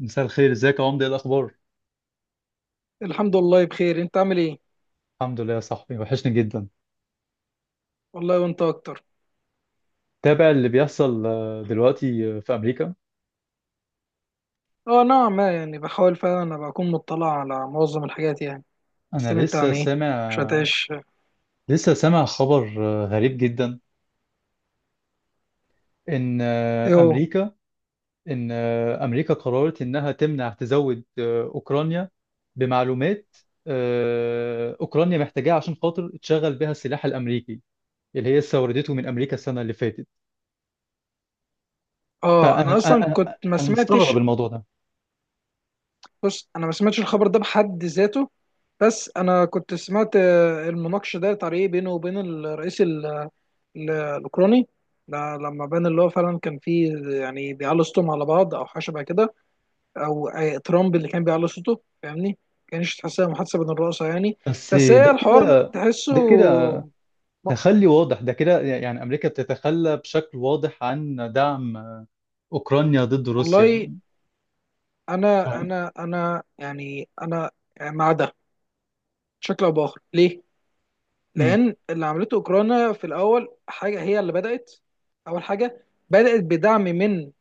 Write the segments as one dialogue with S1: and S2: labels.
S1: مساء الخير، ازيك يا عمده؟ ايه الاخبار؟
S2: الحمد لله بخير، انت عامل ايه؟
S1: الحمد لله يا صاحبي، وحشني جدا.
S2: والله، وانت اكتر.
S1: تابع اللي بيحصل دلوقتي في امريكا؟
S2: اه، نعم، ما يعني بحاول فعلا ابقى اكون مطلع على معظم الحاجات يعني. بس
S1: انا
S2: انت
S1: لسه
S2: عن ايه؟
S1: سامع،
S2: مش هتعيش؟
S1: لسه سامع خبر غريب جدا. ان
S2: ايه هو؟
S1: امريكا قررت انها تمنع تزود اوكرانيا بمعلومات اوكرانيا محتاجاها عشان خاطر تشغل بها السلاح الامريكي اللي هي استوردته من امريكا السنه اللي فاتت.
S2: اه،
S1: فانا
S2: انا اصلا
S1: انا
S2: كنت
S1: انا
S2: ما
S1: أنا مستغرب
S2: سمعتش.
S1: الموضوع ده.
S2: بص، انا ما سمعتش الخبر ده بحد ذاته. بس انا كنت سمعت المناقشه ديت على ايه بينه وبين الرئيس الاوكراني ده لما بان اللي هو فعلا كان فيه، يعني بيعلوا صوتهم على بعض او حاجه شبه كده. او ترامب اللي كان بيعلي صوته، فاهمني؟ ما كانش تحسها محادثه بين الرؤساء يعني.
S1: بس
S2: بس هي
S1: ده
S2: الحوار
S1: كده
S2: تحسه.
S1: ده كده
S2: م-
S1: تخلي واضح، ده كده يعني أمريكا بتتخلى بشكل واضح عن دعم أوكرانيا ضد روسيا.
S2: والله، انا
S1: فاهم؟
S2: انا انا يعني انا مع ده بشكل او باخر. ليه؟
S1: أمم.
S2: لان اللي عملته اوكرانيا في الاول حاجه هي اللي بدات. اول حاجه بدات بدعم من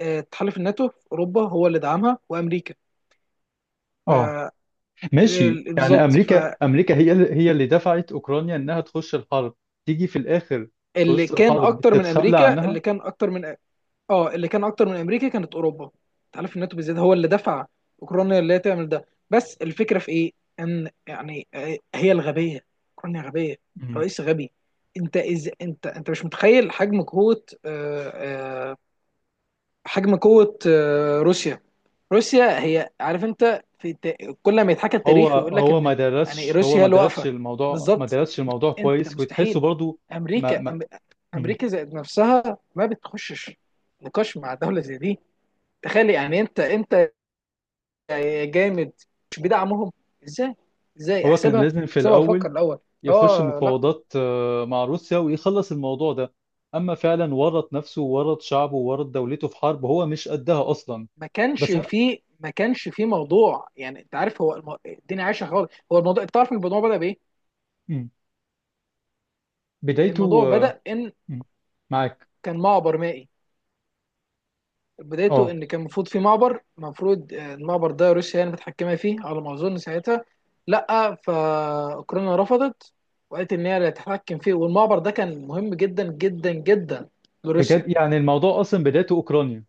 S2: تحالف الناتو في اوروبا، هو اللي دعمها وامريكا. ف
S1: اه ماشي، يعني
S2: بالظبط.
S1: أمريكا
S2: فاللي
S1: أمريكا هي اللي دفعت أوكرانيا إنها تخش الحرب، تيجي في الآخر، في وسط
S2: كان
S1: الحرب
S2: اكتر من
S1: تتخلى
S2: امريكا،
S1: عنها.
S2: اللي كان اكتر من، اه اللي كان اكتر من امريكا كانت اوروبا. تحالف الناتو بالذات هو اللي دفع اوكرانيا اللي هي تعمل ده. بس الفكره في ايه؟ ان يعني هي الغبيه. اوكرانيا غبيه،
S1: أمم.
S2: رئيس غبي. انت انت مش متخيل حجم قوه حجم قوه روسيا. روسيا هي، عارف انت في كل ما يتحكى،
S1: هو
S2: التاريخ يقول لك
S1: هو ما
S2: ان، يعني
S1: درسش هو
S2: روسيا هي
S1: ما
S2: اللي
S1: درسش
S2: واقفه.
S1: الموضوع، ما
S2: بالظبط.
S1: درسش الموضوع
S2: انت
S1: كويس، وتحسه
S2: مستحيل.
S1: برضو. ما
S2: امريكا
S1: ما أمم.
S2: امريكا ذات نفسها ما بتخشش نقاش مع دوله زي دي. تخيل، يعني انت يا جامد، مش بيدعمهم. ازاي؟ ازاي
S1: هو كان
S2: احسبها؟
S1: لازم في
S2: احسبها
S1: الأول
S2: وفكر الاول.
S1: يخش
S2: اه لا.
S1: مفاوضات مع روسيا ويخلص الموضوع ده، اما فعلا ورط نفسه وورط شعبه وورط دولته في حرب هو مش قدها اصلا. بس أنا-
S2: ما كانش فيه موضوع، يعني انت عارف، هو الدنيا عايشه خالص. هو الموضوع، انت عارف الموضوع بدا بايه؟
S1: مم.
S2: الموضوع
S1: بدايته
S2: بدا ان
S1: مم. معاك.
S2: كان معبر مائي. بدايته
S1: اه
S2: ان كان المفروض في معبر، المفروض المعبر ده روسيا يعني متحكمه فيه على ما اظن ساعتها، لا، فاوكرانيا رفضت، وقالت ان هي اللي هتتحكم فيه. والمعبر ده كان مهم جدا جدا جدا
S1: بجد،
S2: لروسيا.
S1: يعني الموضوع اصلا بدايته اوكرانيا.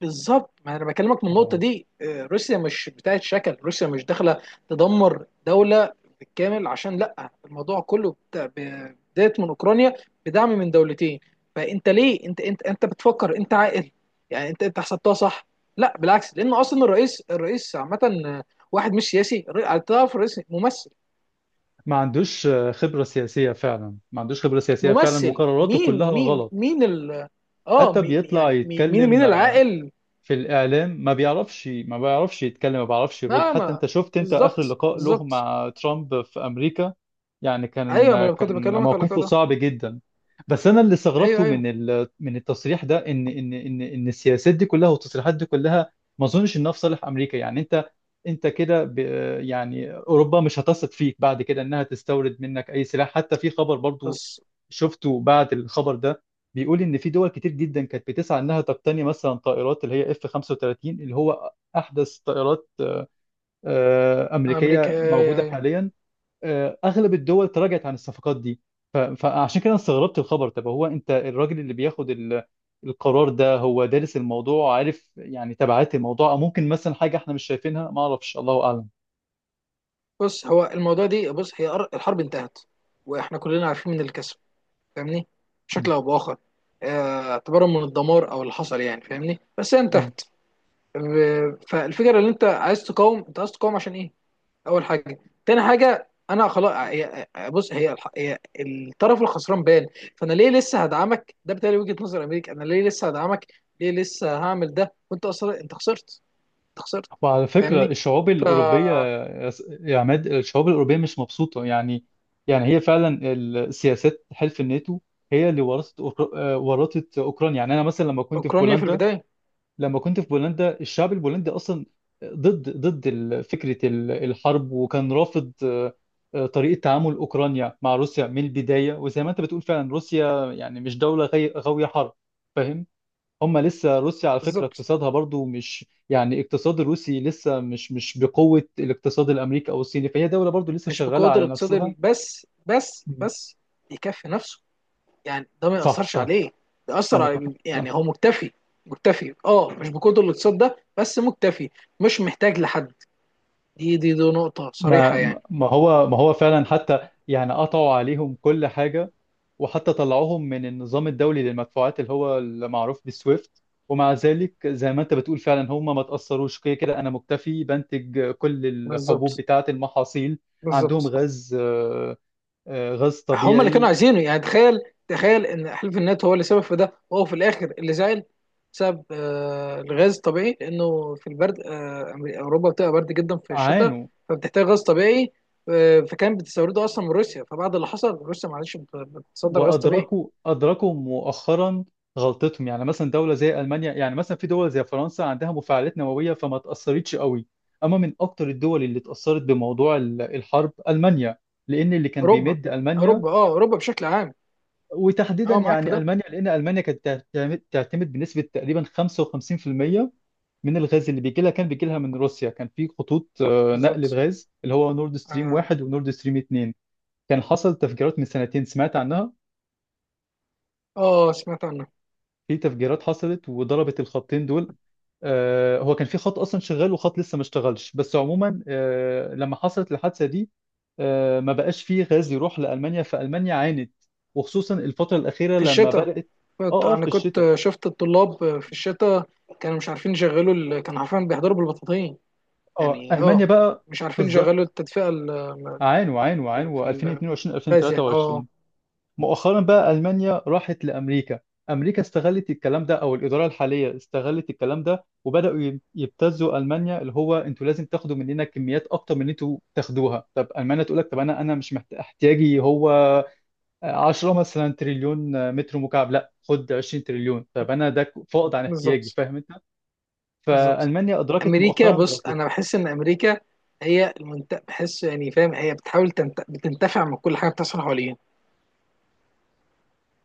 S2: بالظبط، ما انا بكلمك من النقطه
S1: اه
S2: دي. روسيا مش بتاعت شكل، روسيا مش داخله تدمر دوله بالكامل عشان لا. الموضوع كله بدايه من اوكرانيا، بدعم من دولتين. فانت ليه، انت بتفكر انت عاقل؟ يعني انت حسبتها صح؟ لا بالعكس، لان اصلا الرئيس، عامه آه، واحد مش سياسي. تعرف الرئيس ممثل؟
S1: ما عندوش خبرة سياسية فعلا، ما عندوش خبرة سياسية فعلا،
S2: ممثل
S1: وقراراته كلها
S2: مين مين
S1: غلط.
S2: مين ال، اه
S1: حتى بيطلع
S2: يعني مين، مين
S1: يتكلم
S2: العاقل؟
S1: في الاعلام ما بيعرفش، ما بيعرفش يتكلم، ما بيعرفش يرد.
S2: ما
S1: حتى
S2: ما
S1: انت شفت انت اخر
S2: بالظبط،
S1: لقاء له
S2: بالظبط.
S1: مع ترامب في امريكا، يعني
S2: ايوه، ما
S1: كان
S2: انا كنت
S1: كان
S2: بكلمك على
S1: موقفه
S2: كده.
S1: صعب جدا. بس انا اللي
S2: ايوه،
S1: استغربته
S2: ايوه،
S1: من من التصريح ده ان السياسات دي كلها والتصريحات دي كلها ما اظنش انها في صالح امريكا. يعني انت، انت كده ب... يعني اوروبا مش هتثق فيك بعد كده انها تستورد منك اي سلاح. حتى في خبر برضو
S2: بس
S1: شفته بعد الخبر ده، بيقول ان في دول كتير جدا كانت بتسعى انها تقتني مثلا طائرات اللي هي اف 35 اللي هو احدث طائرات
S2: امريكا.
S1: امريكيه
S2: أيوة،
S1: موجوده
S2: أيوة.
S1: حاليا. اغلب الدول تراجعت عن الصفقات دي. فعشان كده أنا استغربت الخبر. طب هو انت الراجل اللي بياخد القرار ده، هو دارس الموضوع، عارف يعني تبعات الموضوع، او ممكن مثلا حاجه احنا مش شايفينها ما اعرفش، الله اعلم.
S2: بص، هو الموضوع دي، بص هي الحرب انتهت، واحنا كلنا عارفين من الكسب، فاهمني؟ بشكل
S1: م-
S2: او باخر، اعتبارا من الدمار او اللي حصل، يعني فاهمني، بس هي
S1: م.
S2: انتهت. فالفكره، اللي انت عايز تقاوم، انت عايز تقاوم عشان ايه؟ اول حاجه. تاني حاجه، انا خلاص، بص، هي الطرف الخسران، بان. فانا ليه لسه هدعمك؟ ده بالتالي وجهه نظر امريكا، انا ليه لسه هدعمك؟ ليه لسه هعمل ده وانت اصلا انت خسرت؟ انت خسرت،
S1: وعلى فكرة
S2: فاهمني؟
S1: الشعوب الأوروبية،
S2: فأوكرانيا
S1: يا عماد الشعوب الأوروبية مش مبسوطة يعني. يعني هي فعلا السياسات حلف الناتو هي اللي ورثت أوكر- آه، ورثت أوكرانيا. يعني أنا مثلا لما كنت في
S2: في
S1: بولندا،
S2: البداية.
S1: لما كنت في بولندا الشعب البولندي أصلا ضد فكرة الحرب، وكان رافض طريقة تعامل أوكرانيا مع روسيا من البداية. وزي ما أنت بتقول فعلا روسيا يعني مش دولة غاوية حرب، فاهم؟ هم لسه روسيا على فكرة
S2: بالظبط،
S1: اقتصادها برضو مش، يعني اقتصاد الروسي لسه مش، مش بقوة الاقتصاد الامريكي او الصيني، فهي دولة برضو لسه
S2: مش
S1: شغالة
S2: بقوة
S1: على
S2: الاقتصاد
S1: نفسها.
S2: بس بس
S1: مم.
S2: بس يكفي نفسه، يعني ده ما
S1: صح
S2: يأثرش
S1: صح.
S2: عليه. ده
S1: انا
S2: أثر
S1: متفق
S2: على،
S1: صح.
S2: يعني هو مكتفي. مكتفي، اه، مش بقوة الاقتصاد ده، بس مكتفي، مش محتاج لحد. دي نقطة صريحة
S1: ما
S2: يعني.
S1: ما هو ما هو فعلا حتى يعني قطعوا عليهم كل حاجة، وحتى طلعوهم من النظام الدولي للمدفوعات اللي هو المعروف بالسويفت، ومع ذلك زي ما انت بتقول فعلا هم ما تأثروش. كده كده انا مكتفي، بنتج كل الحبوب
S2: بالظبط،
S1: بتاعة المحاصيل، عندهم
S2: بالظبط.
S1: غاز غاز
S2: هم اللي كانوا
S1: طبيعي.
S2: عايزينه، يعني تخيل. تخيل ان حلف النات هو اللي سبب في ده، وهو في الاخر اللي زعل بسبب الغاز الطبيعي. لانه في البرد، اوروبا بتبقى برد جدا في الشتاء،
S1: عانوا
S2: فبتحتاج غاز طبيعي. فكان بتستورده اصلا من روسيا، فبعد اللي حصل روسيا معلش، بتصدر غاز طبيعي.
S1: وأدركوا مؤخرا غلطتهم. يعني مثلا دولة زي ألمانيا، يعني مثلا في دول زي فرنسا عندها مفاعلات نووية فما تأثرتش قوي. أما من أكتر الدول اللي اتأثرت بموضوع الحرب ألمانيا، لأن اللي كان
S2: اوروبا،
S1: بيمد ألمانيا
S2: اوروبا، اه، اوروبا بشكل عام.
S1: وتحديدا
S2: اه، معاك في
S1: يعني
S2: ده.
S1: ألمانيا، لأن ألمانيا كانت تعتمد بنسبة تقريبا 55% من الغاز اللي بيجي لها، كان بيجي لها من روسيا. كان في خطوط نقل
S2: بالظبط،
S1: الغاز اللي هو نورد ستريم
S2: اه،
S1: 1 ونورد ستريم اتنين، كان حصل تفجيرات من سنتين سمعت عنها،
S2: سمعت عنه.
S1: في تفجيرات حصلت وضربت الخطين دول. هو كان في خط اصلا شغال وخط لسه ما اشتغلش، بس عموما لما حصلت الحادثه دي ما بقاش فيه غاز يروح لألمانيا، فألمانيا عانت، وخصوصا الفترة الأخيرة
S2: في
S1: لما
S2: الشتاء،
S1: بدأت. اه اه في
S2: انا
S1: الشتاء،
S2: كنت شفت الطلاب في الشتاء، كانوا مش عارفين يشغلوا كانوا عارفين بيحضروا بالبطاطين
S1: اه
S2: يعني،
S1: ألمانيا
S2: اه،
S1: بقى،
S2: مش عارفين
S1: بالظبط،
S2: يشغلوا التدفئة.
S1: عانوا عانوا عانوا
S2: في
S1: 2022
S2: الغاز يعني، اه.
S1: 2023. مؤخرا بقى ألمانيا راحت لأمريكا، أمريكا استغلت الكلام ده، أو الإدارة الحالية استغلت الكلام ده، وبدأوا يبتزوا ألمانيا، اللي هو أنتوا لازم تاخدوا مننا كميات أكتر من اللي أنتوا تاخدوها. طب ألمانيا تقول لك طب أنا أنا مش محت- احتياجي هو 10 مثلا تريليون متر مكعب، لا خد 20 تريليون، طب أنا ده فائض عن احتياجي،
S2: بالظبط،
S1: فاهم أنت؟
S2: بالظبط.
S1: فألمانيا أدركت
S2: امريكا،
S1: مؤخرا.
S2: بص انا بحس ان امريكا هي بحس يعني، فاهم، هي بتحاول بتنتفع من كل حاجه بتحصل حواليها،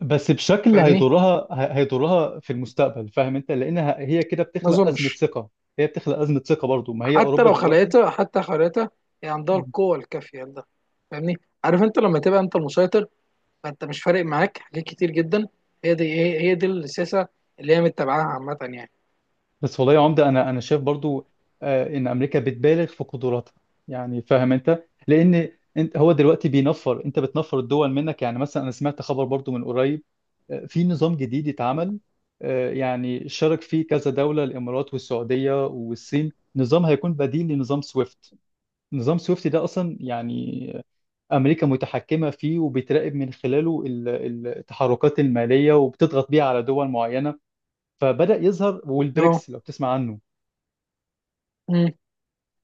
S1: بس بشكل
S2: فاهمني؟
S1: هيضرها في المستقبل، فاهم انت؟ لانها هي كده
S2: ما
S1: بتخلق ازمه
S2: اظنش.
S1: ثقه، هي بتخلق ازمه ثقه برضو. ما هي
S2: حتى
S1: اوروبا
S2: لو
S1: دلوقتي،
S2: خلقتها، حتى خلقتها، هي عندها
S1: مم.
S2: القوه الكافيه لده، فاهمني؟ عارف، انت لما تبقى انت المسيطر، فانت مش فارق معاك حاجات كتير جدا. هي دي هي دي السياسه اللي هي متبعاها عامه يعني.
S1: بس والله يا عمده انا شايف برضو ان امريكا بتبالغ في قدراتها، يعني فاهم انت؟ لان انت هو دلوقتي بينفر، انت بتنفر الدول منك. يعني مثلا انا سمعت خبر برضو من قريب، في نظام جديد اتعمل، يعني شارك فيه كذا دوله، الامارات والسعوديه والصين، نظام هيكون بديل لنظام سويفت. نظام سويفت ده اصلا يعني أمريكا متحكمة فيه، وبتراقب من خلاله التحركات المالية، وبتضغط بيها على دول معينة. فبدأ يظهر،
S2: اه،
S1: والبريكس لو تسمع عنه،
S2: أمم.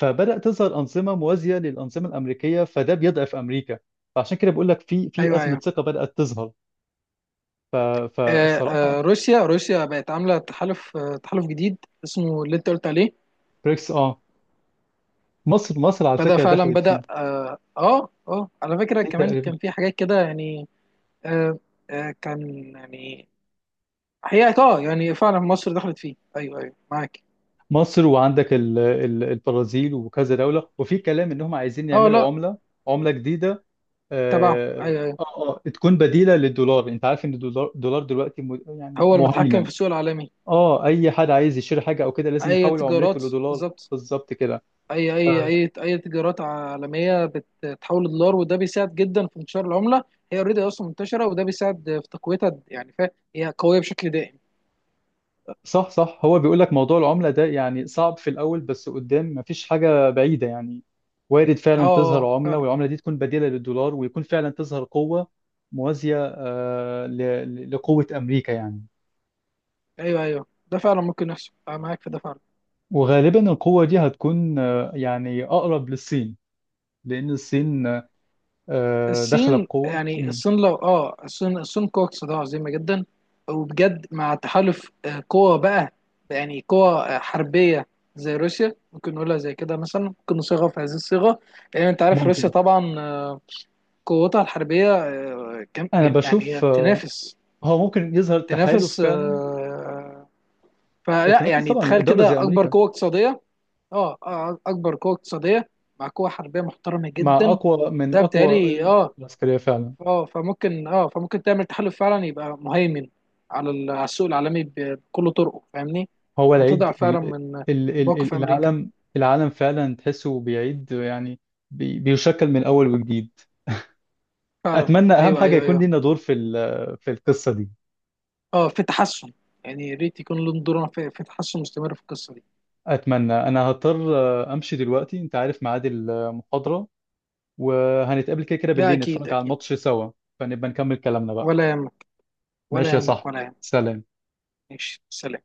S1: فبدأ تظهر أنظمة موازية للأنظمة الأمريكية، فده بيضعف أمريكا. فعشان كده بقول لك، في في
S2: ايوه،
S1: أزمة
S2: ايوه.
S1: ثقة بدأت تظهر. ف- فالصراحة
S2: روسيا، روسيا بقت عامله تحالف، تحالف جديد اسمه اللي انت قلت عليه.
S1: بريكس اه، مصر على
S2: بدا
S1: فكرة
S2: فعلا،
S1: دخلت فيه،
S2: بدا، اه، اه، على فكره
S1: في
S2: كمان
S1: تقريبا
S2: كان في حاجات كده يعني. آه، آه، كان يعني، هي اه، يعني فعلا مصر دخلت فيه، ايوه، ايوه معاك.
S1: مصر، وعندك البرازيل وكذا دولة، وفي كلام إنهم عايزين
S2: اه
S1: يعملوا
S2: لا،
S1: عملة، عملة جديدة.
S2: تبعه،
S1: اه
S2: ايوه، ايوه.
S1: اه تكون بديله للدولار. انت عارف ان الدولار، يعني
S2: هو المتحكم
S1: مهيمن.
S2: في السوق العالمي.
S1: اه اي حد عايز يشتري حاجه او كده لازم
S2: اي
S1: يحول عملته
S2: تجارات،
S1: لدولار.
S2: بالظبط.
S1: بالظبط كده.
S2: اي
S1: ف-
S2: اي اي اي تجارات عالميه بتتحول لدولار، وده بيساعد جدا في انتشار العمله. هي اوريدي اصلا منتشره، وده بيساعد في تقويتها، يعني فهي قويه بشكل دائم.
S1: صح صح. هو بيقول لك موضوع العمله ده يعني صعب في الاول، بس قدام مفيش حاجه بعيده يعني، وارد
S2: اه،
S1: فعلا تظهر عمله،
S2: فعلا.
S1: والعمله دي تكون بديله للدولار، ويكون فعلا تظهر قوه موازيه لقوه امريكا يعني.
S2: ايوه، ايوه، ده فعلا ممكن يحصل، انا معاك في ده فعلا.
S1: وغالبا القوه دي هتكون يعني اقرب للصين، لان الصين داخله
S2: الصين،
S1: بقوه.
S2: يعني
S1: مم.
S2: الصين لو، اه، الصين، الصين قوة اقتصادية عظيمة جدا، وبجد مع تحالف قوى بقى، يعني قوى حربية زي روسيا، ممكن نقولها زي كده، مثلا ممكن نصيغها في هذه الصيغة. لأن أنت عارف روسيا
S1: ممكن،
S2: طبعا قوتها الحربية كم
S1: انا
S2: يعني
S1: بشوف
S2: هي تنافس،
S1: هو ممكن يظهر تحالف
S2: تنافس
S1: فعلا،
S2: فلا،
S1: تنافس
S2: يعني
S1: طبعا
S2: تخيل
S1: دوله زي
S2: كده، أكبر
S1: امريكا،
S2: قوة اقتصادية، اه، اكبر قوه اقتصاديه مع قوه حربيه محترمه
S1: مع
S2: جدا.
S1: اقوى من
S2: ده
S1: اقوى
S2: بتهيألي، اه،
S1: القوى العسكريه فعلا.
S2: اه، فممكن، اه، فممكن تعمل تحالف فعلا يبقى مهيمن على على السوق العالمي، بكل طرقه، فاهمني؟
S1: هو
S2: وتضع
S1: العيد
S2: فعلا
S1: ال-
S2: من
S1: ال- ال-
S2: موقف
S1: ال-
S2: امريكا،
S1: العالم العالم فعلا تحسه بيعيد يعني، بيشكل من اول وجديد.
S2: فعلا،
S1: اتمنى، اهم
S2: ايوه،
S1: حاجه
S2: ايوه،
S1: يكون
S2: ايوه.
S1: لينا دور في في القصه دي.
S2: اه، في تحسن، يعني يا ريت يكون لهم دور في، في تحسن مستمر في القصه دي.
S1: اتمنى. انا هضطر امشي دلوقتي، انت عارف ميعاد المحاضره. وهنتقابل كده كده
S2: لا،
S1: بالليل
S2: اكيد
S1: نتفرج على
S2: اكيد.
S1: الماتش سوا، فنبقى نكمل كلامنا بقى.
S2: ولا يهمك، ولا
S1: ماشي يا
S2: يهمك،
S1: صاحبي،
S2: ولا يهمك.
S1: سلام.
S2: ماشي، سلام.